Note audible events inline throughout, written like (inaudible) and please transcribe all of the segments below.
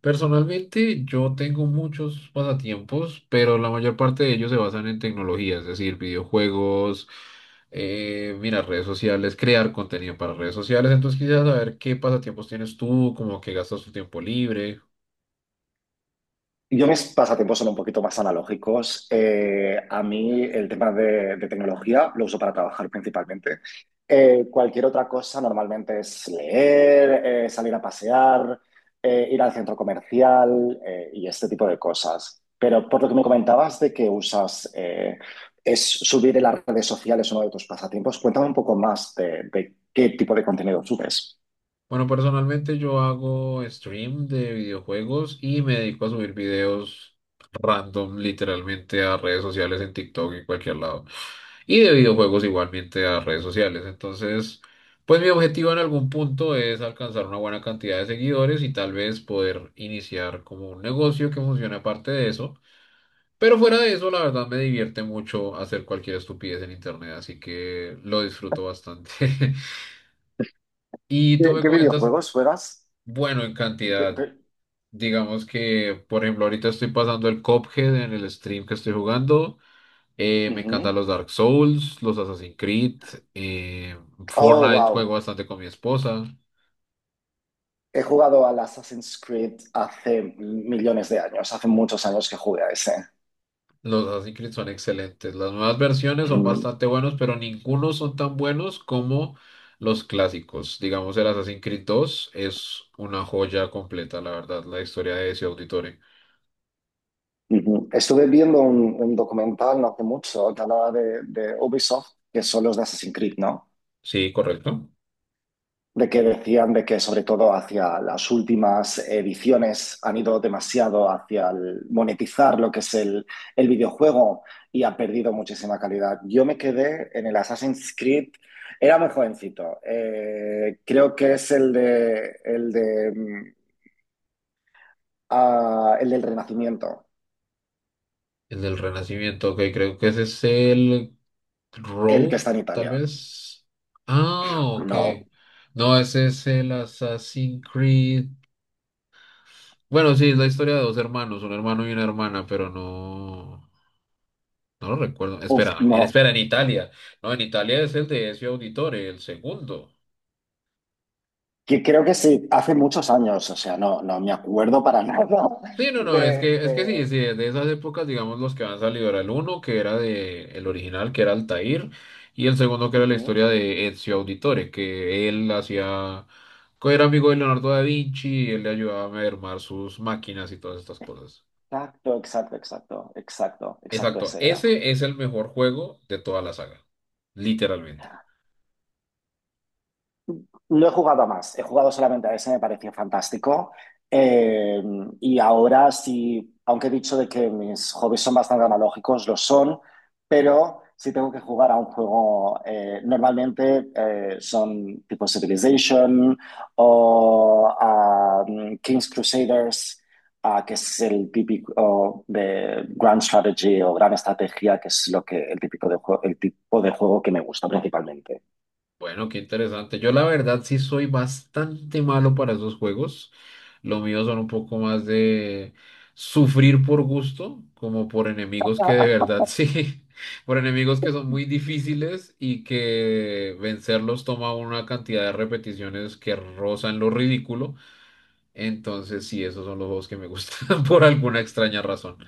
Personalmente, yo tengo muchos pasatiempos, pero la mayor parte de ellos se basan en tecnología, es decir, videojuegos, mira, redes sociales, crear contenido para redes sociales. Entonces, quisiera saber qué pasatiempos tienes tú, como que gastas tu tiempo libre. Yo mis pasatiempos son un poquito más analógicos. A mí el tema de tecnología lo uso para trabajar principalmente. Cualquier otra cosa normalmente es leer, salir a pasear, ir al centro comercial, y este tipo de cosas. Pero por lo que me comentabas de que usas, es subir en las redes sociales uno de tus pasatiempos. Cuéntame un poco más de qué tipo de contenido subes. Bueno, personalmente yo hago stream de videojuegos y me dedico a subir videos random, literalmente a redes sociales en TikTok y cualquier lado. Y de videojuegos igualmente a redes sociales. Entonces, pues mi objetivo en algún punto es alcanzar una buena cantidad de seguidores y tal vez poder iniciar como un negocio que funcione aparte de eso. Pero fuera de eso, la verdad me divierte mucho hacer cualquier estupidez en internet, así que lo disfruto bastante. (laughs) Y ¿Qué, tú me qué comentas, videojuegos juegas? bueno, en Pe- cantidad. pe- Digamos que, por ejemplo, ahorita estoy pasando el Cuphead en el stream que estoy jugando. Me encantan Ujú. los Dark Souls, los Assassin's Creed. eh, Oh, Fortnite juego wow. bastante con mi esposa. He jugado al Assassin's Creed hace millones de años, hace muchos años que jugué a ese. Los Assassin's Creed son excelentes. Las nuevas versiones son Mm, bastante buenos, pero ninguno son tan buenos como los clásicos. Digamos, el Assassin's Creed 2 es una joya completa, la verdad, la historia de ese auditorio. ujú. Estuve viendo un documental no hace mucho que hablaba de Ubisoft, que son los de Assassin's Creed, ¿no? Sí, correcto. De que decían de que sobre todo hacia las últimas ediciones han ido demasiado hacia el monetizar lo que es el videojuego y ha perdido muchísima calidad. Yo me quedé en el Assassin's Creed, era muy jovencito, creo que es el de, el del Renacimiento, El del Renacimiento, ok, creo que ese es el el que Row, está en tal Italia. vez. Ah, ok. No, No, ese es el Assassin's Creed. Bueno, sí, es la historia de dos hermanos, un hermano y una hermana, pero no, no lo recuerdo. uf, Espera, no. espera, en Italia. No, en Italia es el de Ezio Auditore, el segundo. Que creo que sí, hace muchos años, o sea, no, no me acuerdo para (laughs) nada Sí, no, no, es que, de, es que de- sí, sí, de esas épocas, digamos, los que han salido era el uno, que era de el original, que era Altair, y el segundo que era la Ujú. historia de Ezio Auditore, que él hacía, que era amigo de Leonardo da Vinci, y él le ayudaba a mermar sus máquinas y todas estas cosas. Exacto, exacto, exacto, exacto, exacto, Exacto, ese era. ese es el mejor juego de toda la saga, literalmente. No he jugado a más, he jugado solamente a ese, me pareció fantástico. Eh, y ahora sí, aunque he dicho de que mis hobbies son bastante analógicos, lo son, pero si tengo que jugar a un juego, normalmente son tipo Civilization o a King's Crusaders, ah, que es el típico de Grand Strategy o Gran Estrategia, que es lo que, el típico de el tipo de juego que me gusta principalmente. Bueno, qué interesante. Yo la verdad sí soy bastante malo para esos juegos. Lo mío son un poco más de sufrir por gusto, como por enemigos que de verdad sí, (laughs) por enemigos que son muy difíciles y que vencerlos toma una cantidad de repeticiones que rozan lo ridículo. Entonces sí, esos son los juegos que me gustan (laughs) por alguna extraña razón.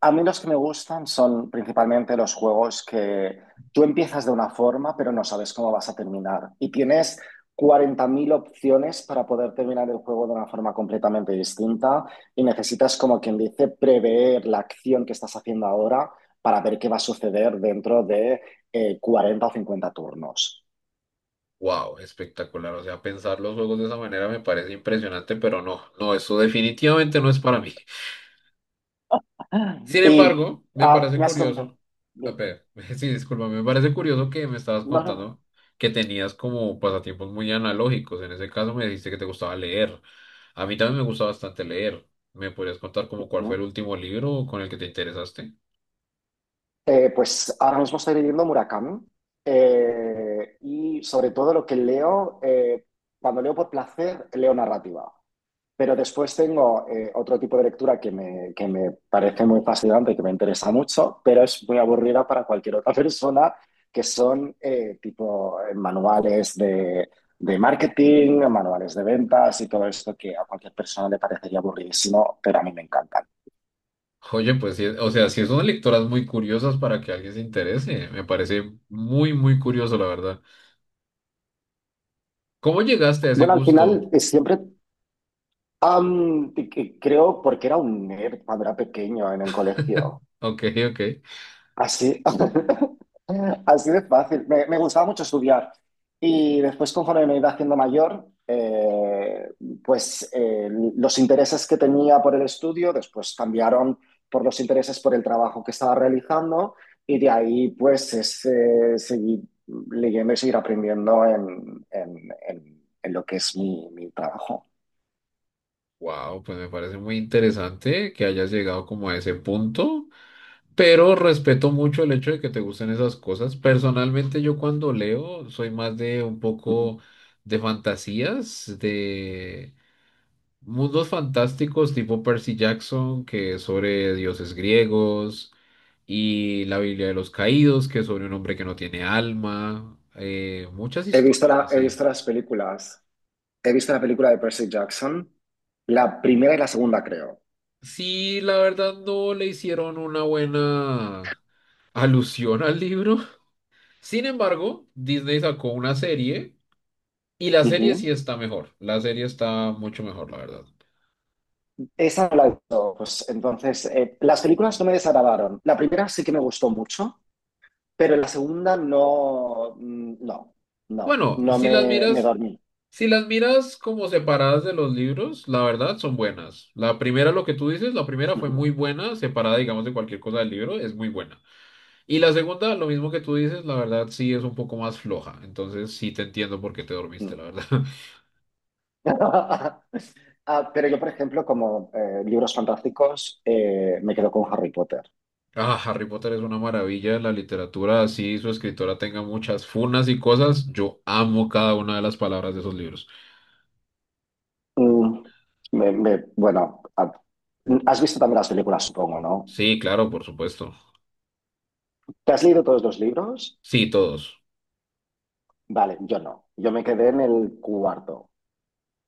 A mí los que me gustan son principalmente los juegos que tú empiezas de una forma, pero no sabes cómo vas a terminar. Y tienes 40 000 opciones para poder terminar el juego de una forma completamente distinta y necesitas, como quien dice, prever la acción que estás haciendo ahora para ver qué va a suceder dentro de 40 o 50 turnos. Wow, espectacular. O sea, pensar los juegos de esa manera me parece impresionante, pero no, no, eso definitivamente no es para mí. Sin Y embargo, me parece me has comentado. curioso, a ver, (laughs) sí, disculpa, me parece curioso que me estabas No, no, contando que tenías como pasatiempos muy analógicos. En ese caso me dijiste que te gustaba leer. A mí también me gusta bastante leer. ¿Me podrías contar como cuál fue el no. último libro con el que te interesaste? Pues ahora mismo estoy leyendo Murakami, y sobre todo lo que leo, cuando leo por placer, leo narrativa. Pero después tengo otro tipo de lectura que me parece muy fascinante y que me interesa mucho, pero es muy aburrida para cualquier otra (laughs) persona, que son tipo manuales de marketing, manuales de ventas y todo esto que a cualquier persona le parecería aburridísimo, pero a mí me encantan. Oye, pues sí, o sea, sí son lectoras muy curiosas para que alguien se interese. Me parece muy, muy curioso, la verdad. ¿Cómo llegaste a ese Bueno, al final gusto? Siempre de que creo porque era un nerd cuando era pequeño en el colegio. Ok, ok. Así, (laughs) así de fácil. Me gustaba mucho estudiar. Y después, conforme me iba haciendo mayor, pues eh, los intereses que tenía por el estudio después cambiaron por los intereses por el trabajo que estaba realizando. Y de ahí, pues, seguir leyendo y seguir aprendiendo en lo que es mi trabajo. Wow, pues me parece muy interesante que hayas llegado como a ese punto. Pero respeto mucho el hecho de que te gusten esas cosas. Personalmente, yo cuando leo soy más de un poco de fantasías, de mundos fantásticos tipo Percy Jackson, que es sobre dioses griegos, y la Biblia de los Caídos, que es sobre un hombre que no tiene alma, muchas He visto historias he así. visto las películas. He visto la película de Percy Jackson, la primera y la segunda, creo. Sí, la verdad no le hicieron una buena alusión al libro. Sin embargo, Disney sacó una serie. Y la serie Ujú. sí está mejor, la serie está mucho mejor, la verdad. Esa no la he visto. Pues, entonces, las películas no me desagradaron. La primera sí que me gustó mucho, pero la segunda no, Bueno, no me, me dormí. si las miras como separadas de los libros, la verdad son buenas. La primera, lo que tú dices, la primera fue Ujú, muy buena, separada, digamos, de cualquier cosa del libro, es muy buena. Y la segunda, lo mismo que tú dices, la verdad sí es un poco más floja. Entonces sí te entiendo por qué te dormiste, mm. la verdad. (laughs) (laughs) Ah, pero yo, por ejemplo, como libros fantásticos, me quedo con Harry Potter. Ah, Harry Potter es una maravilla de la literatura, así su escritora tenga muchas funas y cosas, yo amo cada una de las palabras de esos libros. Mm, bueno, has visto también las películas, supongo, ¿no? Sí, claro, por supuesto. ¿Te has leído todos los libros? Sí, todos. Vale, yo no. Yo me quedé en el cuarto.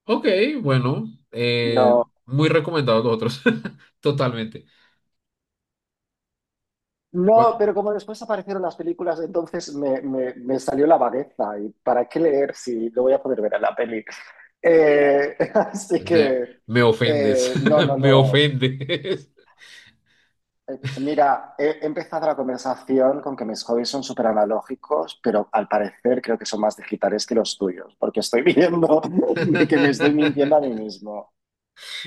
Ok, bueno, eh, No, muy recomendados los otros. (laughs) Totalmente. Cua- no, pero como después aparecieron las películas, entonces me salió la vagueza. ¿Y para qué leer si lo voy a poder ver en la peli? (laughs) Así ne- que, me ofendes, no, no (laughs) me lo. ofendes. Mira, he empezado la conversación con que mis hobbies son súper analógicos, pero al parecer creo que son más digitales que los tuyos, porque estoy viendo (laughs) que me estoy mintiendo a mí (laughs) mismo.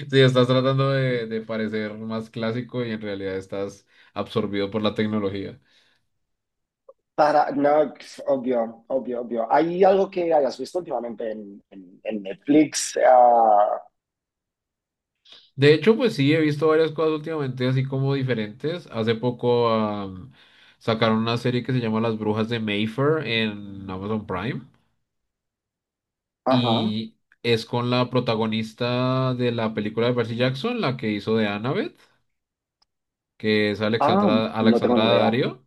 Sí, estás tratando de parecer más clásico y en realidad estás absorbido por la tecnología. No, obvio, obvio, obvio. ¿Hay algo que hayas visto últimamente en Netflix? Ah, De hecho, pues sí, he visto varias cosas últimamente así como diferentes. Hace poco sacaron una serie que se llama Las Brujas de Mayfair en Amazon Prime. ajá. Y es con la protagonista de la película de Percy Jackson, la que hizo de Annabeth, que es Ah, no tengo Alexandra ni idea. Daddario.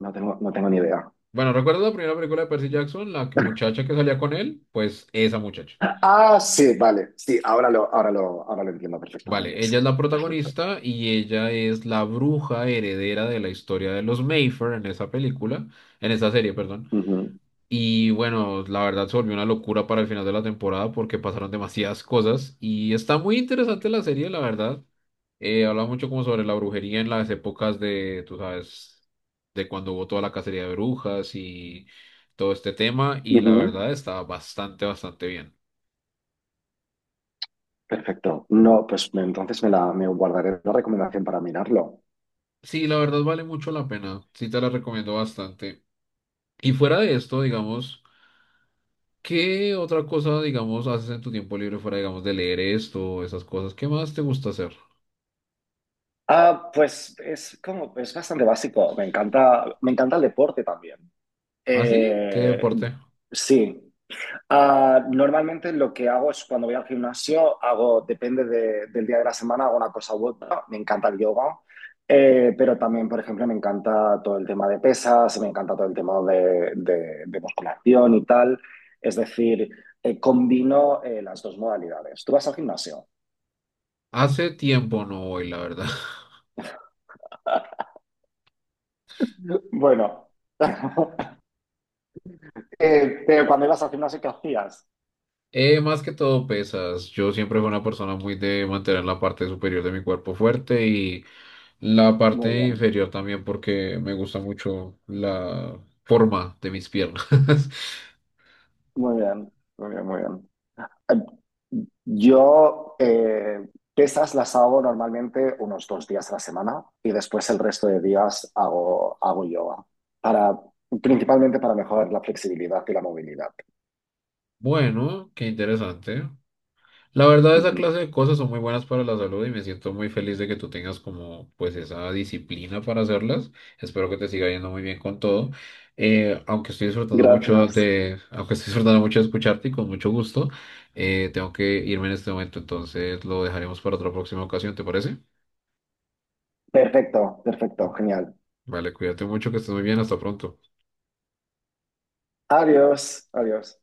No tengo, no tengo ni idea. Bueno, ¿recuerdas la primera película de Percy Jackson? Muchacha que salía con él, pues esa muchacha. Ah, sí, vale. Sí, ahora lo entiendo perfectamente. Vale, Sí. ella es la Perfecto. protagonista y ella es la bruja heredera de la historia de los Mayfair en esa película, en esa serie, perdón. Ujú, Y bueno, la verdad se volvió una locura para el final de la temporada porque pasaron demasiadas cosas y está muy interesante la serie, la verdad. Habla mucho como sobre la brujería en las épocas de, tú sabes, de cuando hubo toda la cacería de brujas y todo este tema y la ujú. verdad está bastante, bastante bien. Perfecto. No, entonces me guardaré la recomendación para mirarlo. Sí, la verdad vale mucho la pena, sí te la recomiendo bastante. Y fuera de esto, digamos, ¿qué otra cosa, digamos, haces en tu tiempo libre fuera, digamos, de leer esto, esas cosas? ¿Qué más te gusta hacer? Ah, pues es como, es bastante básico. Me encanta el deporte también. ¿Así? ¿Qué Eh, deporte? sí. Normalmente lo que hago es cuando voy al gimnasio, hago, depende del día de la semana, hago una cosa u otra. Me encanta el yoga, pero también, por ejemplo, me encanta todo el tema de pesas, me encanta todo el tema de musculación y tal. Es decir, combino las dos modalidades. ¿Tú vas al gimnasio? Hace tiempo no voy, la verdad. (laughs) Bueno, (laughs) pero cuando ibas al gimnasio, ¿qué hacías? Más que todo pesas. Yo siempre fui una persona muy de mantener la parte superior de mi cuerpo fuerte y la Muy parte bien, inferior también porque me gusta mucho la forma de mis piernas. (laughs) muy bien, muy bien, muy bien. Yo pesas las hago normalmente unos 2 días a la semana y después el resto de días hago, hago yoga, para, principalmente para mejorar la flexibilidad y la movilidad. Bueno, qué interesante. La verdad, esa Ujú. clase de cosas son muy buenas para la salud y me siento muy feliz de que tú tengas como pues esa disciplina para hacerlas. Espero que te siga yendo muy bien con todo. Aunque estoy disfrutando mucho Gracias. de, (laughs) aunque estoy disfrutando mucho de escucharte y con mucho gusto, tengo que irme en este momento, entonces lo dejaremos para otra próxima ocasión, ¿te parece? Perfecto, perfecto, genial. Vale, cuídate mucho, que estés muy bien, hasta pronto. Adiós, adiós.